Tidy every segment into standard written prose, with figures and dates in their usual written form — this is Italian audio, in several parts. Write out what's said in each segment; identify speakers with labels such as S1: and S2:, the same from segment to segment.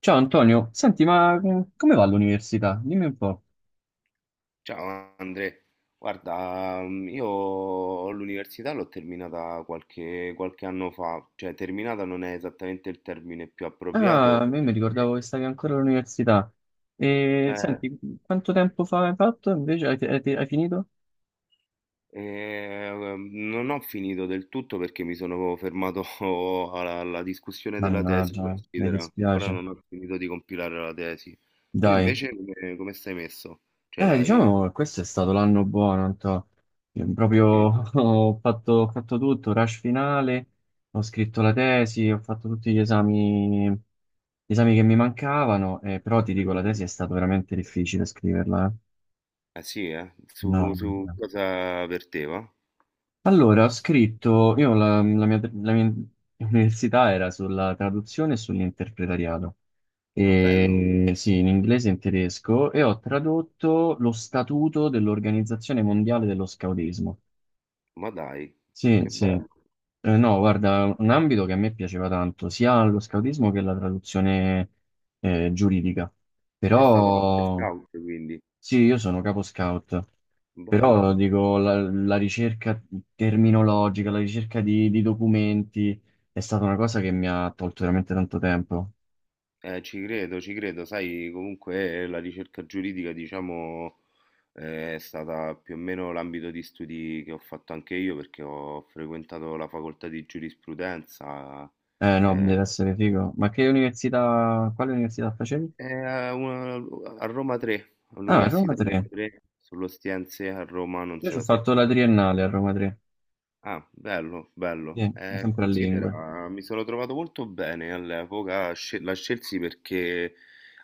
S1: Ciao Antonio, senti, ma come va l'università? Dimmi un po'.
S2: Ciao Andre, guarda, io l'università l'ho terminata qualche anno fa, cioè terminata non è esattamente il termine più
S1: Ah, a
S2: appropriato,
S1: me mi ricordavo che stavi ancora all'università. E
S2: eh,
S1: senti, quanto tempo fa hai fatto invece? Hai finito?
S2: eh, non ho finito del tutto perché mi sono fermato alla discussione della tesi,
S1: Mannaggia, mi
S2: considera, ancora
S1: dispiace.
S2: non ho finito di compilare la tesi. Tu
S1: Dai.
S2: invece come stai messo? Cioè l'hai...
S1: Diciamo che questo è stato l'anno buono, Anto. Io proprio
S2: Sì?
S1: ho fatto tutto, rush finale, ho scritto la tesi, ho fatto tutti gli esami che mi mancavano, però ti dico, la
S2: Grandissimo.
S1: tesi è stato veramente difficile scriverla, eh.
S2: Ah sì, eh?
S1: No,
S2: Su,
S1: no,
S2: su
S1: no.
S2: cosa verteva?
S1: Allora, io la mia università era sulla traduzione e sull'interpretariato.
S2: Ah, bello.
S1: E, sì, in inglese e in tedesco, e ho tradotto lo statuto dell'Organizzazione Mondiale dello Scautismo.
S2: Ma dai,
S1: Sì,
S2: che
S1: sì.
S2: bello.
S1: No, guarda, un ambito che a me piaceva tanto, sia lo scautismo che la traduzione giuridica,
S2: Sei stato anche
S1: però
S2: scout, quindi
S1: sì, io sono capo scout,
S2: bello.
S1: però dico, la ricerca terminologica, la ricerca di documenti è stata una cosa che mi ha tolto veramente tanto tempo.
S2: Ci credo, ci credo. Sai, comunque la ricerca giuridica, diciamo, è stata più o meno l'ambito di studi che ho fatto anche io perché ho frequentato la facoltà di giurisprudenza
S1: Eh no,
S2: eh,
S1: deve essere figo. Ma quale università facevi?
S2: eh, a, una- a Roma 3,
S1: Ah, Roma
S2: all'Università di Roma
S1: 3.
S2: 3, sull'Ostiense a Roma, non
S1: Io ci ho
S2: so se
S1: fatto la
S2: conosci.
S1: triennale a Roma 3.
S2: Ah, bello, bello.
S1: Sì, ma sempre a lingue.
S2: Considera, mi sono trovato molto bene all'epoca, la scelsi perché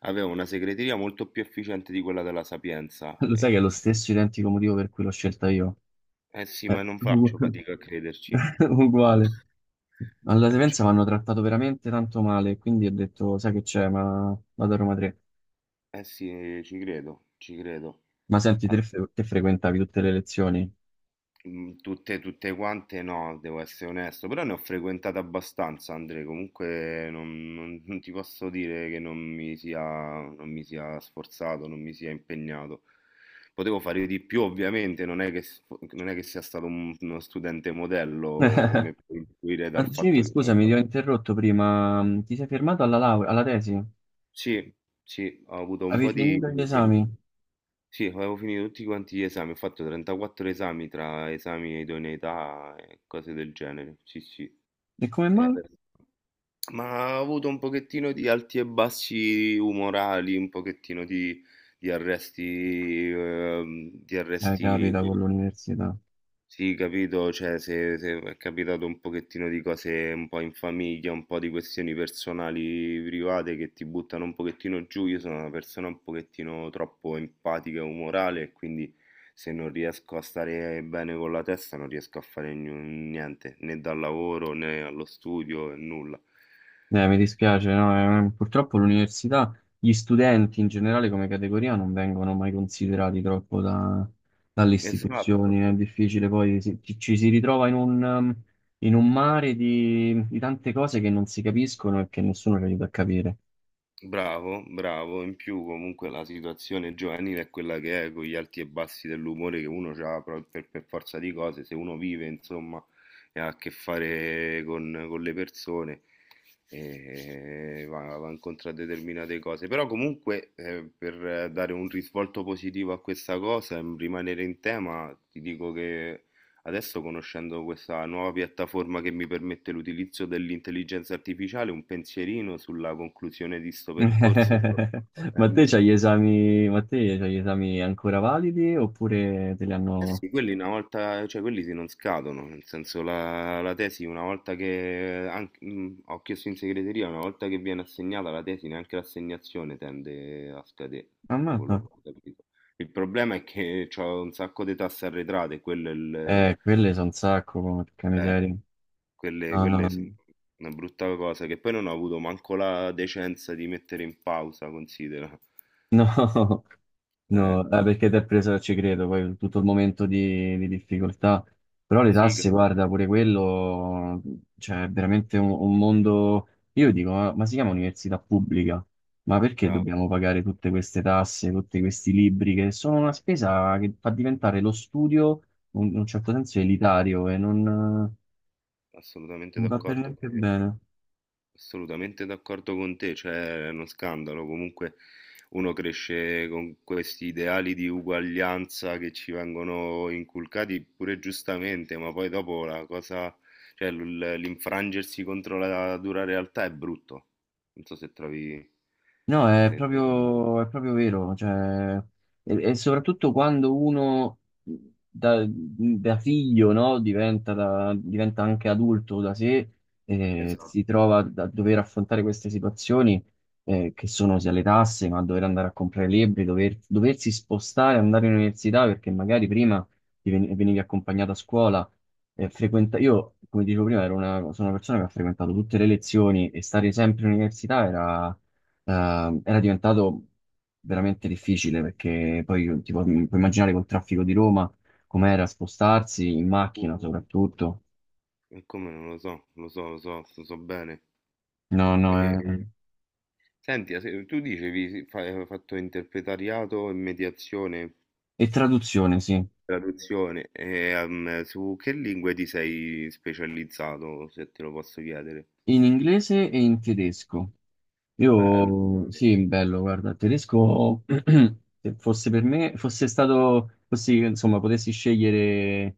S2: avevo una segreteria molto più efficiente di quella della Sapienza.
S1: Lo sai che è lo stesso identico motivo per cui l'ho scelta io.
S2: Eh sì,
S1: Eh,
S2: ma non faccio
S1: ugu-
S2: fatica a crederci.
S1: Uguale. Alla
S2: Eh, ci-
S1: Sapienza mi hanno trattato veramente tanto male, quindi ho detto, sai che c'è, ma vado a Roma 3.
S2: eh sì, ci credo, ci credo.
S1: Ma senti, te, te frequentavi tutte le lezioni?
S2: Tutte, tutte quante no, devo essere onesto, però ne ho frequentate abbastanza, Andre, comunque non ti posso dire che non mi sia sforzato, non mi sia impegnato. Potevo fare di più, ovviamente, non è che sia stato uno studente modello, come puoi intuire
S1: Ma
S2: dal
S1: dicevi,
S2: fatto che...
S1: scusami, ti ho interrotto prima, ti sei fermato alla laurea, alla tesi?
S2: Sì, sì, ho avuto un
S1: Avevi
S2: po' di...
S1: finito gli
S2: di-
S1: esami?
S2: Sì, avevo finito tutti quanti gli esami, ho fatto 34 esami tra esami e idoneità e cose del genere, sì, sì.
S1: E come
S2: Eh,
S1: mai?
S2: adesso- Ma ha avuto un pochettino di alti e bassi umorali, un pochettino di arresti,
S1: Capita con l'università.
S2: sì, capito? Cioè, se è capitato un pochettino di cose un po' in famiglia, un po' di questioni personali, private che ti buttano un pochettino giù. Io sono una persona un pochettino troppo empatica e umorale, e quindi se non riesco a stare bene con la testa, non riesco a fare niente, né dal lavoro né allo studio, né nulla.
S1: Mi dispiace, no? Purtroppo l'università, gli studenti in generale come categoria non vengono mai considerati troppo dalle istituzioni,
S2: Esatto,
S1: è difficile poi, ci si ritrova in un mare di tante cose che non si capiscono e che nessuno ci aiuta a capire.
S2: bravo, bravo. In più comunque la situazione giovanile è quella che è, con gli alti e bassi dell'umore che uno ha per forza di cose, se uno vive, insomma, e ha a che fare con le persone, va incontro a determinate cose. Però comunque per dare un risvolto positivo a questa cosa, e rimanere in tema, ti dico che adesso conoscendo questa nuova piattaforma che mi permette l'utilizzo dell'intelligenza artificiale, un pensierino sulla conclusione di sto percorso me lo sto
S1: Ma te
S2: facendo.
S1: c'hai gli esami, ma te c'hai gli esami ancora validi oppure te li
S2: Eh
S1: hanno.
S2: sì, quelli una volta, cioè quelli si non scadono, nel senso la tesi una volta che, ho chiesto in segreteria, una volta che viene assegnata la tesi neanche l'assegnazione tende a scadere, da quello
S1: Ammazza.
S2: che ho capito. Il problema è che ho un sacco di tasse arretrate, quello è il...
S1: Quelle sono un sacco, porca
S2: eh.
S1: miseria.
S2: Quelle,
S1: No,
S2: quelle sono
S1: no.
S2: una brutta cosa che poi non ho avuto manco la decenza di mettere in pausa, considera.
S1: No,
S2: Eh,
S1: no, perché ti è preso, ci credo, poi tutto il momento di difficoltà. Però le
S2: sì,
S1: tasse,
S2: che-
S1: guarda, pure quello, cioè, è veramente un mondo. Io dico, ma si chiama università pubblica? Ma perché
S2: Bravo,
S1: dobbiamo pagare tutte queste tasse, tutti questi libri, che sono una spesa che fa diventare lo studio, in un certo senso,
S2: mm,
S1: elitario e non
S2: assolutamente
S1: va per
S2: d'accordo,
S1: niente
S2: eh,
S1: bene.
S2: assolutamente d'accordo con te, cioè è uno scandalo, comunque uno cresce con questi ideali di uguaglianza che ci vengono inculcati pure giustamente, ma poi dopo la cosa, cioè l'infrangersi contro la dura realtà è brutto, non so se trovi...
S1: No, è
S2: se-
S1: proprio, è proprio vero, cioè, e soprattutto quando uno da figlio, no, diventa anche adulto da sé,
S2: Esatto.
S1: si trova a dover affrontare queste situazioni, che sono sia le tasse, ma dover andare a comprare libri, doversi spostare, andare all'università, perché magari prima ti venivi accompagnato a scuola, io, come dicevo prima, sono una persona che ha frequentato tutte le lezioni e stare sempre in università era era diventato veramente difficile perché poi tipo, puoi immaginare col traffico di Roma com'era spostarsi in
S2: Uh,
S1: macchina soprattutto.
S2: e come non lo so, lo so, lo so, lo so bene.
S1: No, no,
S2: E,
S1: è.
S2: senti, tu dicevi sì, hai fatto interpretariato e mediazione,
S1: E traduzione, sì,
S2: traduzione, e, su che lingue ti sei specializzato, se te lo posso chiedere?
S1: in inglese e in tedesco.
S2: Bello.
S1: Io sì, bello, guarda, il tedesco, se fosse per me, fosse stato, fossi, insomma, potessi scegliere,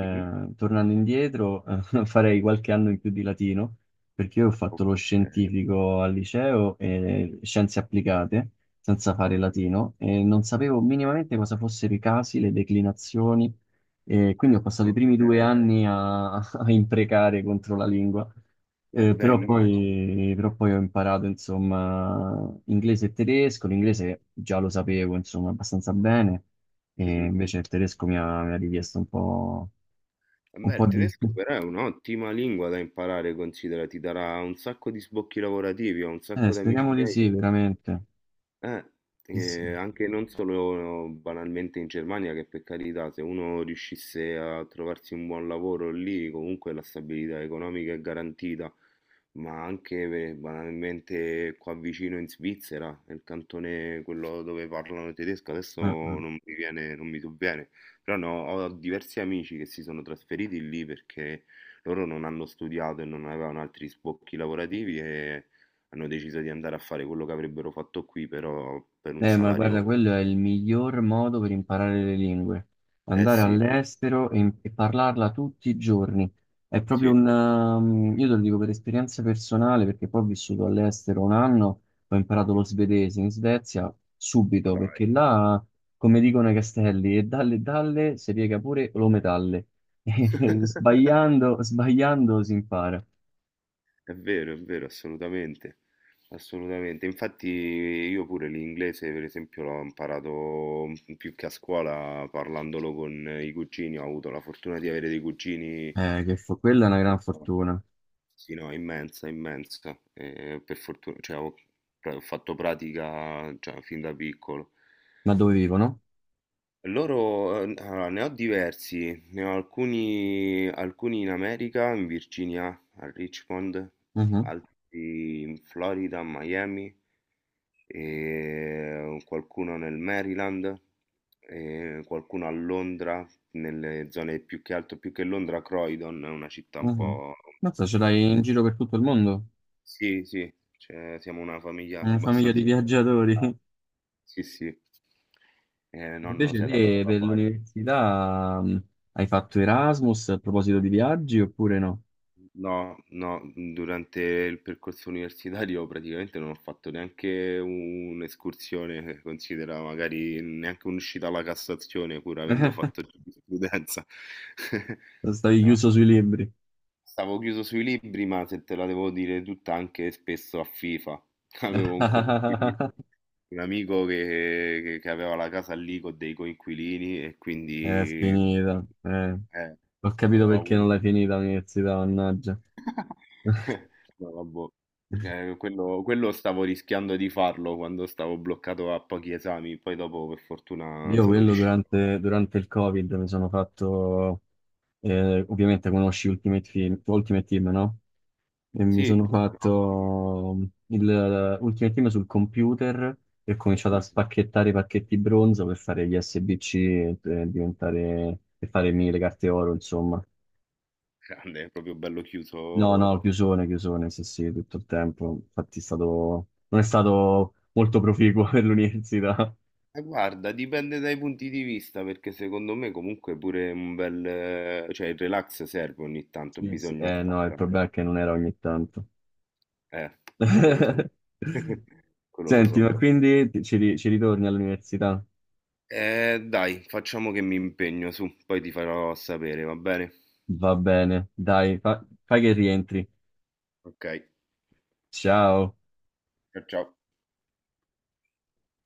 S2: Mhm.
S1: tornando indietro, farei qualche anno in più di latino, perché io ho fatto
S2: Ok.
S1: lo scientifico al liceo e scienze applicate, senza fare
S2: Mhm.
S1: latino, e non sapevo minimamente cosa fossero i casi, le declinazioni, e quindi
S2: Ah,
S1: ho passato i primi due
S2: ok.
S1: anni a, a imprecare contro la lingua.
S2: E beh,
S1: Però
S2: immagino.
S1: poi, però poi ho imparato, insomma, inglese e tedesco. L'inglese già lo sapevo, insomma, abbastanza bene, e
S2: Mhm.
S1: invece il tedesco mi ha richiesto un po',
S2: Eh
S1: un
S2: beh,
S1: po'
S2: il
S1: di.
S2: tedesco però è un'ottima lingua da imparare, considera, ti darà un sacco di sbocchi lavorativi, ho un sacco di amici
S1: Speriamo di sì,
S2: miei.
S1: veramente.
S2: Eh,
S1: Sì, sì.
S2: anche non solo banalmente in Germania, che per carità, se uno riuscisse a trovarsi un buon lavoro lì, comunque la stabilità economica è garantita, ma anche beh, banalmente qua vicino in Svizzera, nel cantone quello dove parlano tedesco, adesso
S1: Eh.
S2: non mi viene, non mi sovviene, però no, ho diversi amici che si sono trasferiti lì perché loro non hanno studiato e non avevano altri sbocchi lavorativi e hanno deciso di andare a fare quello che avrebbero fatto qui, però per un
S1: Ma
S2: salario...
S1: guarda, quello è il miglior modo per imparare le lingue.
S2: Eh
S1: Andare
S2: sì,
S1: all'estero e parlarla tutti i giorni. È proprio
S2: sì,
S1: un... um, io te lo dico per esperienza personale, perché poi ho vissuto all'estero un anno, ho imparato lo svedese in Svezia
S2: ma
S1: subito,
S2: dai.
S1: perché là, come dicono i castelli, e dalle dalle si piega pure lo metalle. E sbagliando si impara.
S2: È vero, assolutamente, assolutamente. Infatti io pure l'inglese, per esempio, l'ho imparato più che a scuola parlandolo con i cugini, ho avuto la fortuna di avere dei cugini,
S1: Quella è una gran
S2: guarda,
S1: fortuna.
S2: sì, no, immensa, immensa. E per fortuna, cioè, ho fatto pratica, cioè, fin da piccolo.
S1: Ma dove vivono?
S2: Loro, allora, ne ho diversi, ne ho alcuni, alcuni in America, in Virginia, a Richmond, altri in Florida, a Miami, e qualcuno nel Maryland, e qualcuno a Londra, nelle zone più che altro, più che Londra, Croydon, è una città un
S1: Mhm.
S2: po'...
S1: Mazza, ce l'hai in giro per tutto il mondo?
S2: Sì, sì, cioè, siamo una famiglia
S1: Una famiglia di
S2: abbastanza...
S1: viaggiatori.
S2: internazionale. Sì, sì, eh, nonno
S1: Invece
S2: si era dato
S1: te
S2: da
S1: per
S2: fare.
S1: l'università hai fatto Erasmus a proposito di viaggi oppure no?
S2: No, no, durante il percorso universitario praticamente non ho fatto neanche un'escursione, considera magari neanche un'uscita alla Cassazione, pur avendo fatto giurisprudenza.
S1: Stavi
S2: No,
S1: chiuso sui libri.
S2: stavo chiuso sui libri, ma se te la devo dire tutta, anche spesso a FIFA. Avevo un coinquilino, un amico che aveva la casa lì con dei coinquilini e
S1: È
S2: quindi
S1: finita. Eh.
S2: eh,
S1: Ho
S2: ho
S1: capito
S2: ho
S1: perché
S2: avuto
S1: non l'hai finita l'università, mannaggia.
S2: No, vabbò. Quello stavo rischiando di farlo quando stavo bloccato a pochi esami, poi dopo per fortuna
S1: Io
S2: sono
S1: quello
S2: riuscito.
S1: durante il Covid mi sono fatto, ovviamente conosci Ultimate Team, Ultimate Team, no? E mi
S2: Sì,
S1: sono fatto l'ultima team sul computer e ho cominciato a
S2: mhm,
S1: spacchettare i pacchetti bronzo per fare gli SBC e per farmi le carte oro, insomma.
S2: grande, è proprio bello
S1: No,
S2: chiuso.
S1: no, chiusone, chiusone, sì, sì, tutto il tempo. Infatti non è stato molto proficuo per l'università.
S2: Guarda, dipende dai punti di vista, perché secondo me comunque pure un bel... cioè il relax serve ogni tanto,
S1: Sì, sì.
S2: bisogna
S1: Eh no, il
S2: staccare.
S1: problema è che non era ogni tanto.
S2: Eh, quello lo so. Quello lo
S1: Senti,
S2: so
S1: ma
S2: bene.
S1: quindi ci ritorni all'università?
S2: Dai, facciamo che mi impegno su, poi ti farò sapere, va bene?
S1: Va bene, dai, fai che rientri.
S2: Okay,
S1: Ciao.
S2: ciao.